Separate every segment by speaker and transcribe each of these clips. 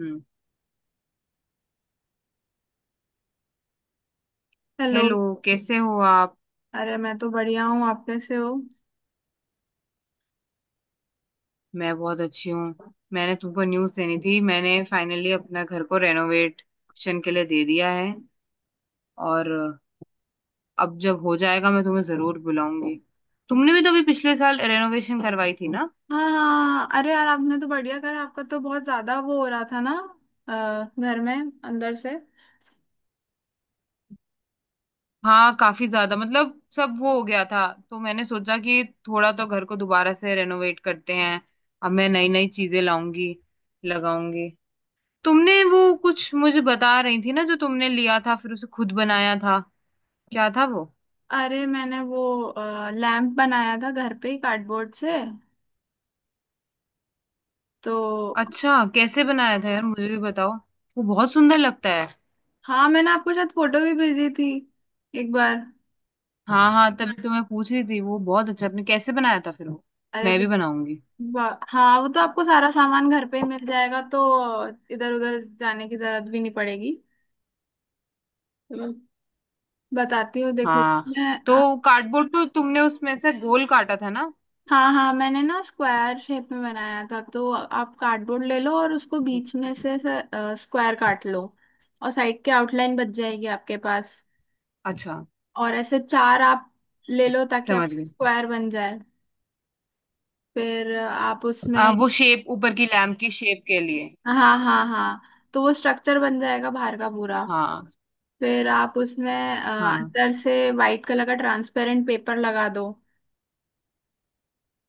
Speaker 1: हम्म।
Speaker 2: Hello.
Speaker 1: Hello. कैसे हो आप?
Speaker 2: अरे, मैं तो बढ़िया हूँ, आप कैसे हो?
Speaker 1: मैं बहुत अच्छी हूँ, मैंने तुमको न्यूज़ देनी थी। मैंने फाइनली अपना घर को रेनोवेशन के लिए दे दिया है, और अब जब हो जाएगा मैं तुम्हें जरूर बुलाऊंगी। तुमने भी तो अभी पिछले साल रेनोवेशन करवाई थी ना।
Speaker 2: हाँ हाँ, अरे यार, आपने तो बढ़िया करा, आपका तो बहुत ज्यादा वो हो रहा था ना, घर में, अंदर से।
Speaker 1: हाँ, काफी ज्यादा, मतलब सब वो हो गया था तो मैंने सोचा कि थोड़ा तो घर को दोबारा से रेनोवेट करते हैं। अब मैं नई नई चीजें लाऊंगी, लगाऊंगी। तुमने वो कुछ मुझे बता रही थी ना जो तुमने लिया था फिर उसे खुद बनाया था, क्या था वो?
Speaker 2: अरे, मैंने वो लैंप बनाया था घर पे ही कार्डबोर्ड से तो।
Speaker 1: अच्छा, कैसे बनाया था यार मुझे भी बताओ, वो बहुत सुंदर लगता है।
Speaker 2: हाँ, मैंने आपको शायद फोटो भी भेजी थी एक बार।
Speaker 1: हाँ हाँ, तभी तो मैं पूछ रही थी, वो बहुत अच्छा, आपने कैसे बनाया था फिर वो?
Speaker 2: अरे
Speaker 1: मैं भी बनाऊंगी।
Speaker 2: वाह, हाँ, वो तो आपको सारा सामान घर पे ही मिल जाएगा, तो इधर उधर जाने की जरूरत भी नहीं पड़ेगी, तो बताती हूँ, देखो
Speaker 1: हाँ,
Speaker 2: मैं।
Speaker 1: तो कार्डबोर्ड तो तुमने उसमें से गोल काटा था ना?
Speaker 2: हाँ हाँ, मैंने ना स्क्वायर शेप में बनाया था। तो आप कार्डबोर्ड ले लो और उसको बीच में
Speaker 1: जिसकी-
Speaker 2: से स्क्वायर काट लो, और साइड के आउटलाइन बच जाएगी आपके पास,
Speaker 1: अच्छा,
Speaker 2: और ऐसे चार आप ले लो ताकि आप
Speaker 1: समझ गई।
Speaker 2: स्क्वायर बन जाए। फिर आप उसमें।
Speaker 1: वो शेप ऊपर की लैम्प की शेप के लिए?
Speaker 2: हाँ हाँ हाँ। तो वो स्ट्रक्चर बन जाएगा बाहर का पूरा।
Speaker 1: हाँ
Speaker 2: फिर आप उसमें
Speaker 1: हाँ।
Speaker 2: अंदर से वाइट कलर का ट्रांसपेरेंट पेपर लगा दो।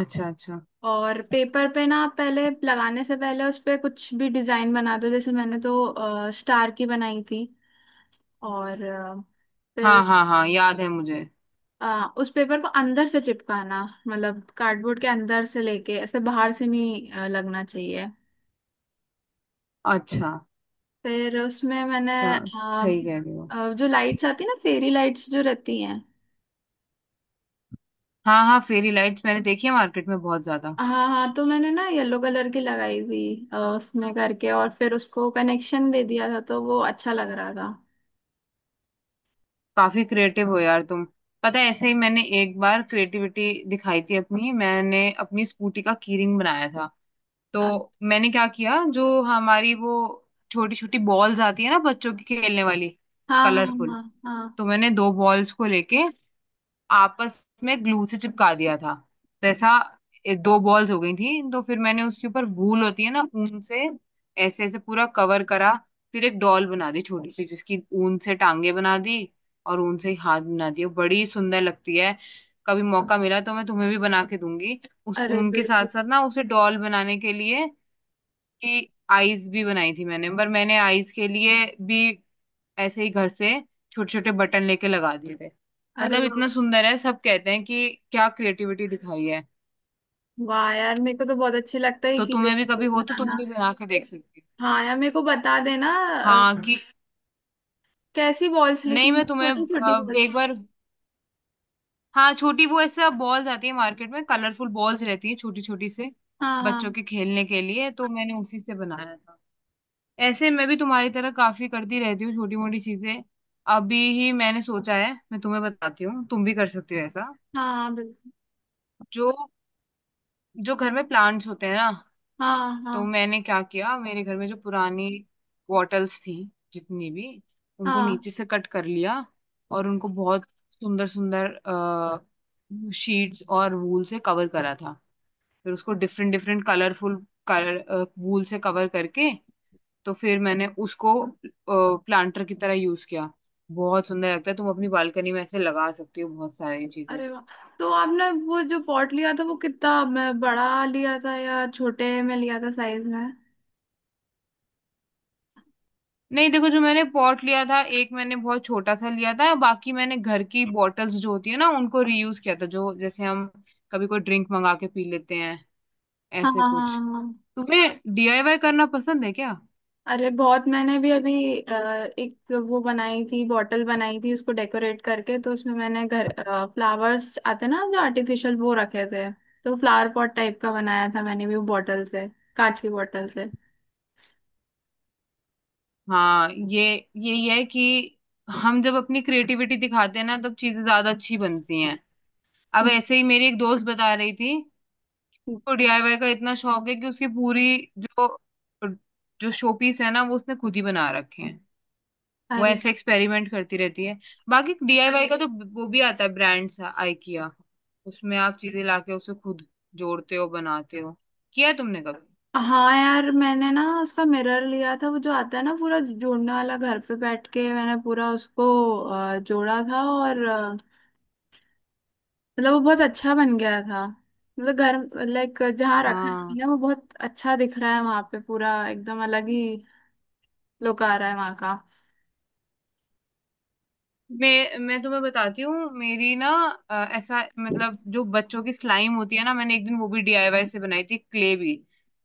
Speaker 1: अच्छा अच्छा।
Speaker 2: और पेपर पे ना, पहले लगाने से पहले उस पे कुछ भी डिजाइन बना दो, जैसे मैंने तो स्टार की बनाई थी। और फिर
Speaker 1: हाँ हाँ हाँ, याद है मुझे।
Speaker 2: उस पेपर को अंदर से चिपकाना, मतलब कार्डबोर्ड के अंदर से लेके, ऐसे बाहर से नहीं लगना चाहिए।
Speaker 1: अच्छा।
Speaker 2: फिर उसमें मैंने
Speaker 1: स- सही कह रहे हो।
Speaker 2: जो लाइट्स आती है ना, फेरी लाइट्स जो रहती हैं।
Speaker 1: हाँ हाँ, फेरी लाइट्स मैंने देखी है मार्केट में बहुत ज्यादा।
Speaker 2: हाँ हाँ, तो मैंने ना येलो कलर की लगाई थी उसमें करके, और फिर उसको कनेक्शन दे दिया था, तो वो अच्छा लग रहा था।
Speaker 1: काफी क्रिएटिव हो यार तुम। पता है, ऐसे ही मैंने एक बार क्रिएटिविटी दिखाई थी अपनी, मैंने अपनी स्कूटी का कीरिंग बनाया था। तो
Speaker 2: हाँ
Speaker 1: मैंने क्या किया, जो हमारी वो छोटी छोटी बॉल्स आती है ना बच्चों की खेलने वाली,
Speaker 2: हाँ हाँ
Speaker 1: कलरफुल।
Speaker 2: हाँ।
Speaker 1: तो मैंने दो बॉल्स को लेके आपस में ग्लू से चिपका दिया था। तो ऐसा एक दो बॉल्स हो गई थी, तो फिर मैंने उसके ऊपर वूल होती है ना, ऊन से ऐसे ऐसे पूरा कवर करा। फिर एक डॉल बना दी छोटी सी, जिसकी ऊन से टांगे बना दी, और ऊन से ही हाथ बना दिए, बड़ी सुंदर लगती है। कभी मौका मिला तो मैं तुम्हें भी बना के दूंगी। उस
Speaker 2: अरे
Speaker 1: ऊन के साथ
Speaker 2: बिल्कुल।
Speaker 1: साथ ना उसे डॉल बनाने के लिए कि आईज भी बनाई थी मैंने, पर मैंने आईज के लिए भी ऐसे ही घर से छोटे छोटे बटन लेके लगा दिए थे।
Speaker 2: अरे
Speaker 1: मतलब
Speaker 2: वाह।
Speaker 1: इतना सुंदर है, सब कहते हैं कि क्या क्रिएटिविटी दिखाई है।
Speaker 2: वाह यार, मेरे को तो बहुत अच्छे लगता है
Speaker 1: तो
Speaker 2: कि,
Speaker 1: तुम्हें भी कभी हो तो तुम
Speaker 2: बताना।
Speaker 1: भी बना के देख सकती
Speaker 2: हाँ यार, मेरे को बता देना।
Speaker 1: हो।
Speaker 2: अ,
Speaker 1: हाँ कि
Speaker 2: कैसी बॉल्स ली
Speaker 1: नहीं,
Speaker 2: थी,
Speaker 1: मैं तुम्हें
Speaker 2: छोटी छोटी
Speaker 1: अब
Speaker 2: बॉल्स
Speaker 1: एक
Speaker 2: ली थी?
Speaker 1: बार, हाँ छोटी, वो ऐसे बॉल्स आती है मार्केट में, कलरफुल बॉल्स रहती है छोटी छोटी से
Speaker 2: हाँ
Speaker 1: बच्चों
Speaker 2: हाँ।
Speaker 1: के खेलने के लिए, तो मैंने उसी से बनाया था। ऐसे मैं भी तुम्हारी तरह काफी करती रहती हूँ छोटी मोटी चीजें। अभी ही मैंने सोचा है मैं तुम्हें बताती हूँ, तुम भी कर सकती हो ऐसा।
Speaker 2: हाँ हाँ, बिल्कुल।
Speaker 1: जो जो घर में प्लांट्स होते हैं ना,
Speaker 2: हाँ हाँ
Speaker 1: तो मैंने क्या किया, मेरे घर में जो पुरानी बॉटल्स थी, जितनी भी, उनको
Speaker 2: हाँ।
Speaker 1: नीचे से कट कर लिया और उनको बहुत सुंदर सुंदर शीट्स और वूल से कवर करा था। फिर उसको different different colourful colour wool से कवर करके, तो फिर मैंने उसको प्लांटर की तरह यूज किया। बहुत सुंदर लगता है, तुम अपनी बालकनी में ऐसे लगा सकती हो बहुत सारी चीजें।
Speaker 2: अरे वाह, तो आपने वो जो पॉट लिया था वो कितना बड़ा लिया था या छोटे में लिया था साइज में?
Speaker 1: नहीं देखो, जो मैंने पॉट लिया था एक, मैंने बहुत छोटा सा लिया था, बाकी मैंने घर की बॉटल्स जो होती है ना उनको रीयूज किया था, जो जैसे हम कभी कोई ड्रिंक मंगा के पी लेते हैं,
Speaker 2: हाँ
Speaker 1: ऐसे
Speaker 2: हाँ हाँ
Speaker 1: कुछ।
Speaker 2: हाँ।
Speaker 1: तुम्हें डीआईवाई करना पसंद है क्या?
Speaker 2: अरे बहुत, मैंने भी अभी अ, एक वो बनाई थी, बॉटल बनाई थी, उसको डेकोरेट करके। तो उसमें मैंने घर फ्लावर्स आते ना जो आर्टिफिशियल, वो रखे थे, तो फ्लावर पॉट टाइप का बनाया था मैंने भी, वो बॉटल से, कांच की बॉटल से।
Speaker 1: हाँ ये, यही है कि हम जब अपनी क्रिएटिविटी दिखाते हैं ना तब चीजें ज्यादा अच्छी बनती हैं। अब ऐसे ही मेरी एक दोस्त बता रही थी तो डीआईवाई का इतना शौक है कि उसकी पूरी जो जो शोपीस है ना, वो उसने खुद ही बना रखे हैं। वो
Speaker 2: अरे
Speaker 1: ऐसे एक्सपेरिमेंट करती रहती है। बाकी डीआईवाई का तो वो भी आता है ब्रांड सा, आइकिया, उसमें आप चीजें लाके उसे खुद जोड़ते हो, बनाते हो। किया है तुमने कभी?
Speaker 2: हाँ यार, मैंने ना उसका मिरर लिया था, वो जो आता है ना पूरा जोड़ने वाला, घर पे बैठ के मैंने पूरा उसको जोड़ा था, और मतलब वो बहुत अच्छा बन गया था। मतलब घर लाइक जहाँ रखा है
Speaker 1: हाँ।
Speaker 2: ना, वो बहुत अच्छा दिख रहा है, वहां पे पूरा एकदम अलग ही लुक आ रहा है वहां का।
Speaker 1: मैं तुम्हें बताती हूँ, मेरी ना ऐसा मतलब, जो बच्चों की स्लाइम होती है ना, मैंने एक दिन वो भी डीआईवाई से बनाई थी, क्ले भी।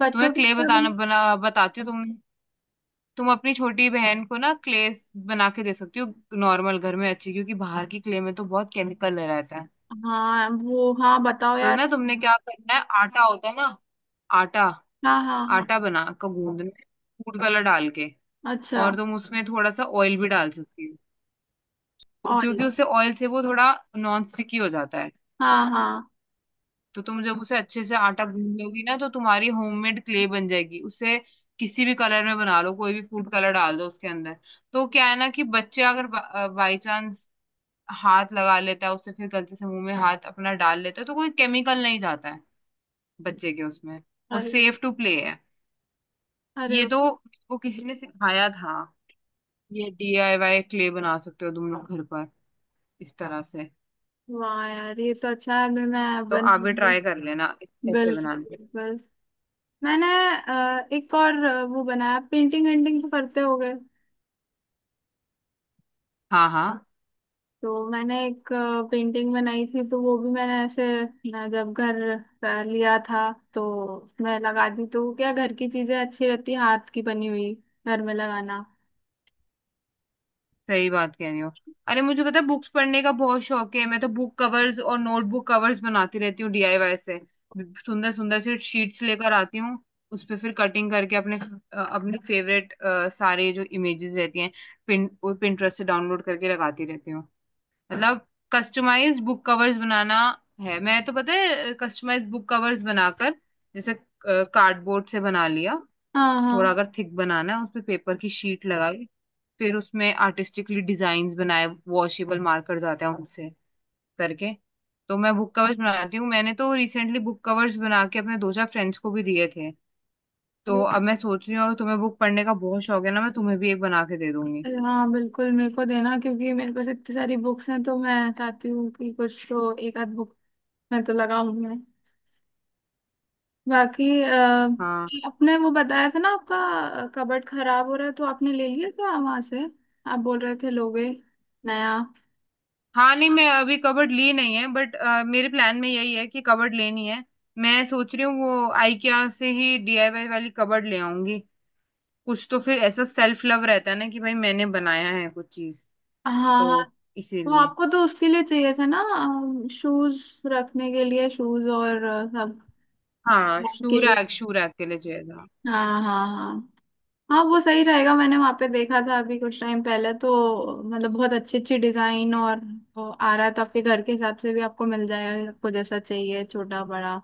Speaker 2: बच्चों
Speaker 1: तुम्हें
Speaker 2: के
Speaker 1: क्ले
Speaker 2: क्या
Speaker 1: बताना बना बताती हूँ तुम अपनी छोटी बहन को ना क्ले बना के दे सकती हो, नॉर्मल घर में अच्छी, क्योंकि बाहर की क्ले में तो बहुत केमिकल रहता है।
Speaker 2: हाँ वो, हाँ बताओ
Speaker 1: तो
Speaker 2: यार।
Speaker 1: ना तुमने क्या करना है, आटा होता है ना, आटा,
Speaker 2: हाँ हाँ हाँ।
Speaker 1: आटा बना का गूंदना है, फूड कलर डाल के।
Speaker 2: अच्छा।
Speaker 1: और तुम उसमें थोड़ा सा ऑयल भी डाल सकती हो,
Speaker 2: और।
Speaker 1: क्योंकि उससे ऑयल से वो थोड़ा नॉन स्टिकी हो जाता है।
Speaker 2: हाँ हाँ।
Speaker 1: तो तुम जब उसे अच्छे से आटा गूंद लोगी ना, तो तुम्हारी होममेड क्ले बन जाएगी। उसे किसी भी कलर में बना लो, कोई भी फूड कलर डाल दो उसके अंदर। तो क्या है ना कि बच्चे अगर बाई चांस हाथ लगा लेता है उससे, फिर गलती से मुंह में हाथ अपना डाल लेता है, तो कोई केमिकल नहीं जाता है बच्चे के उसमें, वो
Speaker 2: अरे।
Speaker 1: सेफ टू प्ले है।
Speaker 2: अरे
Speaker 1: ये तो वो किसी ने सिखाया था, ये डीआईवाई क्ले बना सकते हो तुम लोग घर पर इस तरह से।
Speaker 2: वाह यार, ये तो अच्छा है, मैं
Speaker 1: तो आप भी ट्राई कर
Speaker 2: बनाऊंगी।
Speaker 1: लेना ऐसे
Speaker 2: बिल्कुल
Speaker 1: बनाने।
Speaker 2: बिल्कुल। मैंने एक और वो बनाया, पेंटिंग वेंटिंग तो करते होगे।
Speaker 1: हाँ हाँ,
Speaker 2: तो मैंने एक पेंटिंग बनाई थी, तो वो भी मैंने ऐसे जब घर लिया था, तो मैं लगा दी। तो क्या, घर की चीजें अच्छी रहती हैं, हाथ की बनी हुई, घर में लगाना।
Speaker 1: सही बात कह रही हो। अरे मुझे पता है, बुक्स पढ़ने का बहुत शौक है, मैं तो बुक कवर्स और नोटबुक कवर्स बनाती रहती हूँ डीआईवाई से। सुंदर सुंदर सी शीट्स लेकर आती हूँ, उस पे फिर कटिंग करके अपने अपने फेवरेट सारे जो इमेजेस रहती हैं पिन पिंटरेस्ट से डाउनलोड करके लगाती रहती हूँ। मतलब कस्टमाइज बुक कवर्स बनाना है, मैं तो पता है कस्टमाइज बुक कवर्स बनाकर, जैसे कार्डबोर्ड से बना लिया,
Speaker 2: हाँ
Speaker 1: थोड़ा
Speaker 2: हाँ।
Speaker 1: अगर थिक बनाना है उस पे पेपर की शीट लगाई, फिर उसमें आर्टिस्टिकली डिजाइन्स बनाए वॉशेबल मार्कर्स आते हैं उनसे करके। तो मैं बुक कवर्स बनाती हूँ, मैंने तो रिसेंटली बुक कवर्स बना के अपने दो चार फ्रेंड्स को भी दिए थे। तो
Speaker 2: अरे
Speaker 1: अब मैं सोच रही हूँ तुम्हें बुक पढ़ने का बहुत शौक है ना, मैं तुम्हें भी एक बना के दे दूंगी।
Speaker 2: हाँ बिल्कुल, मेरे को देना, क्योंकि मेरे पास इतनी सारी बुक्स हैं, तो मैं चाहती हूँ कि कुछ तो एक आध बुक मैं तो लगाऊं मैं। बाकी
Speaker 1: हाँ।
Speaker 2: आपने वो बताया था ना, आपका कबर्ड खराब हो रहा है, तो आपने ले लिया क्या वहां से? आप बोल रहे थे लोगे नया।
Speaker 1: हाँ नहीं, मैं अभी कबर्ड ली नहीं है, बट मेरे प्लान में यही है कि कबर्ड लेनी है। मैं सोच रही हूँ वो आइकिया से ही डीआईवाई वाली कबर्ड ले आऊंगी। कुछ तो फिर ऐसा सेल्फ लव रहता है ना कि भाई मैंने बनाया है कुछ चीज,
Speaker 2: हाँ हाँ,
Speaker 1: तो
Speaker 2: वो
Speaker 1: इसीलिए।
Speaker 2: आपको तो उसके लिए चाहिए था ना, शूज रखने के लिए, शूज और सब,
Speaker 1: हाँ,
Speaker 2: बैग
Speaker 1: शू
Speaker 2: के लिए।
Speaker 1: रैक, शू रैक के लिए चाहिए था।
Speaker 2: हाँ हाँ हाँ। हाँ वो सही रहेगा, मैंने वहां पे देखा था अभी कुछ टाइम पहले, तो मतलब बहुत अच्छी अच्छी डिजाइन और वो आ रहा है, तो आपके घर के हिसाब से भी आपको मिल जाएगा, आपको जैसा चाहिए, छोटा बड़ा।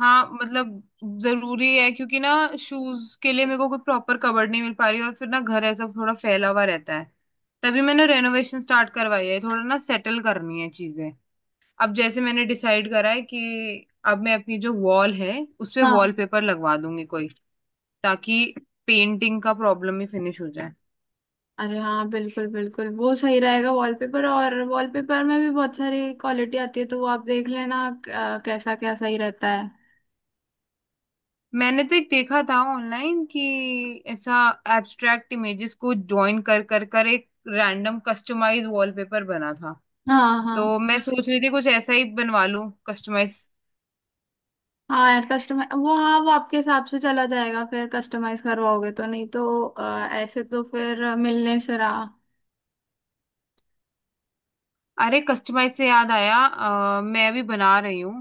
Speaker 1: हाँ मतलब जरूरी है, क्योंकि ना शूज के लिए मेरे को कोई प्रॉपर कबर्ड नहीं मिल पा रही, और फिर ना घर ऐसा थोड़ा फैला हुआ रहता है। तभी मैंने रेनोवेशन स्टार्ट करवाई है, थोड़ा ना सेटल करनी है चीजें। अब जैसे मैंने डिसाइड करा है कि अब मैं अपनी जो वॉल है उसपे
Speaker 2: हाँ।
Speaker 1: वॉलपेपर लगवा दूंगी कोई, ताकि पेंटिंग का प्रॉब्लम ही फिनिश हो जाए।
Speaker 2: अरे हाँ बिल्कुल बिल्कुल, वो सही रहेगा। वॉलपेपर और वॉलपेपर में भी बहुत सारी क्वालिटी आती है, तो वो आप देख लेना कैसा क्या सही रहता है।
Speaker 1: मैंने तो एक देखा था ऑनलाइन कि ऐसा एब्स्ट्रैक्ट इमेजेस को ज्वाइन कर कर कर एक रैंडम कस्टमाइज वॉलपेपर बना था।
Speaker 2: हाँ हाँ।
Speaker 1: तो मैं सोच रही थी कुछ ऐसा ही बनवा लूं कस्टमाइज।
Speaker 2: हाँ यार कस्टमाइज, वो हाँ, वो आपके हिसाब से चला जाएगा फिर, कस्टमाइज करवाओगे तो। नहीं तो ऐसे तो फिर मिलने से रहा।
Speaker 1: अरे कस्टमाइज से याद आया, मैं अभी बना रही हूँ,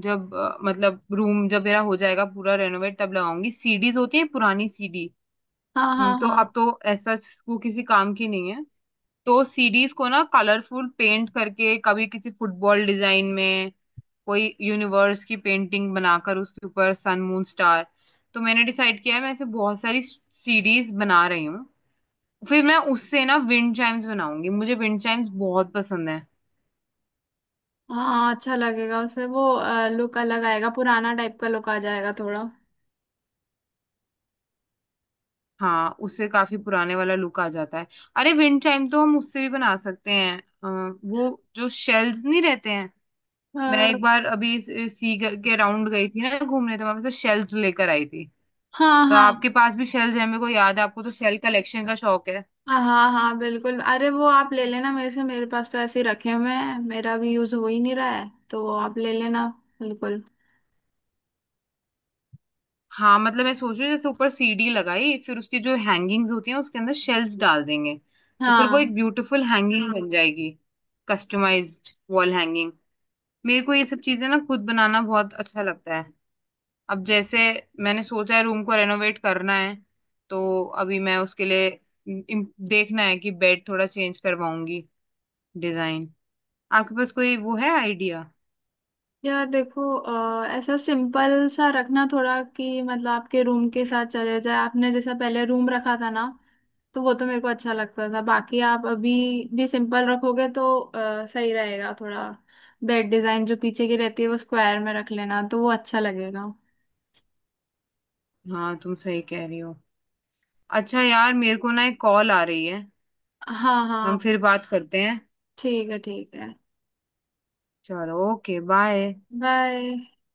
Speaker 1: जब मतलब रूम जब मेरा हो जाएगा पूरा रेनोवेट तब लगाऊंगी, सीडीज होती है पुरानी सीडी।
Speaker 2: हाँ हाँ
Speaker 1: तो अब
Speaker 2: हाँ
Speaker 1: तो ऐसा वो किसी काम की नहीं है। तो सीडीज को ना कलरफुल पेंट करके, कभी किसी फुटबॉल डिजाइन में, कोई यूनिवर्स की पेंटिंग बनाकर उसके ऊपर सन मून स्टार, तो मैंने डिसाइड किया है मैं ऐसे बहुत सारी सीडीज बना रही हूँ। फिर मैं उससे ना विंड चाइम्स बनाऊंगी, मुझे विंड चाइम्स बहुत पसंद है।
Speaker 2: हाँ, अच्छा लगेगा उसे, वो लुक अलग आएगा, पुराना टाइप का लुक आ जाएगा थोड़ा।
Speaker 1: हाँ, उससे काफी पुराने वाला लुक आ जाता है। अरे विंड चाइम तो हम उससे भी बना सकते हैं, अ, वो जो शेल्स नहीं रहते हैं। मैं
Speaker 2: अ,
Speaker 1: एक बार अभी सी के राउंड गई थी ना घूमने, तो मैं वैसे शेल्स लेकर आई थी।
Speaker 2: हाँ
Speaker 1: तो
Speaker 2: हाँ
Speaker 1: आपके पास भी शेल्स है, मेरे को याद है आपको तो शेल कलेक्शन का शौक है।
Speaker 2: हाँ हाँ हाँ बिल्कुल, अरे वो आप ले लेना मेरे से, मेरे पास तो ऐसे ही रखे हुए हैं, मेरा भी यूज हो ही नहीं रहा है, तो आप ले लेना, बिल्कुल।
Speaker 1: हाँ मतलब मैं सोच रही हूँ जैसे ऊपर सीढ़ी लगाई फिर उसकी जो हैंगिंग्स होती हैं उसके अंदर शेल्स डाल देंगे, तो फिर वो
Speaker 2: हाँ
Speaker 1: एक ब्यूटीफुल हैंगिंग बन जाएगी, कस्टमाइज्ड वॉल हैंगिंग। मेरे को ये सब चीजें ना खुद बनाना बहुत अच्छा लगता है। अब जैसे मैंने सोचा है रूम को रेनोवेट करना है, तो अभी मैं उसके लिए देखना है कि बेड थोड़ा चेंज करवाऊंगी, डिजाइन। आपके पास कोई वो है आइडिया?
Speaker 2: यार देखो, ऐसा सिंपल सा रखना थोड़ा कि, मतलब आपके रूम के साथ चले जाए, आपने जैसा पहले रूम रखा था ना, तो वो तो मेरे को अच्छा लगता था। बाकी आप अभी भी सिंपल रखोगे तो सही रहेगा थोड़ा। बेड डिजाइन जो पीछे की रहती है, वो स्क्वायर में रख लेना तो वो अच्छा लगेगा।
Speaker 1: हाँ तुम सही कह रही हो। अच्छा यार, मेरे को ना एक कॉल आ रही है,
Speaker 2: हाँ
Speaker 1: हम
Speaker 2: हाँ।
Speaker 1: फिर बात करते हैं।
Speaker 2: ठीक है, ठीक है।
Speaker 1: चलो ओके, बाय।
Speaker 2: बाय।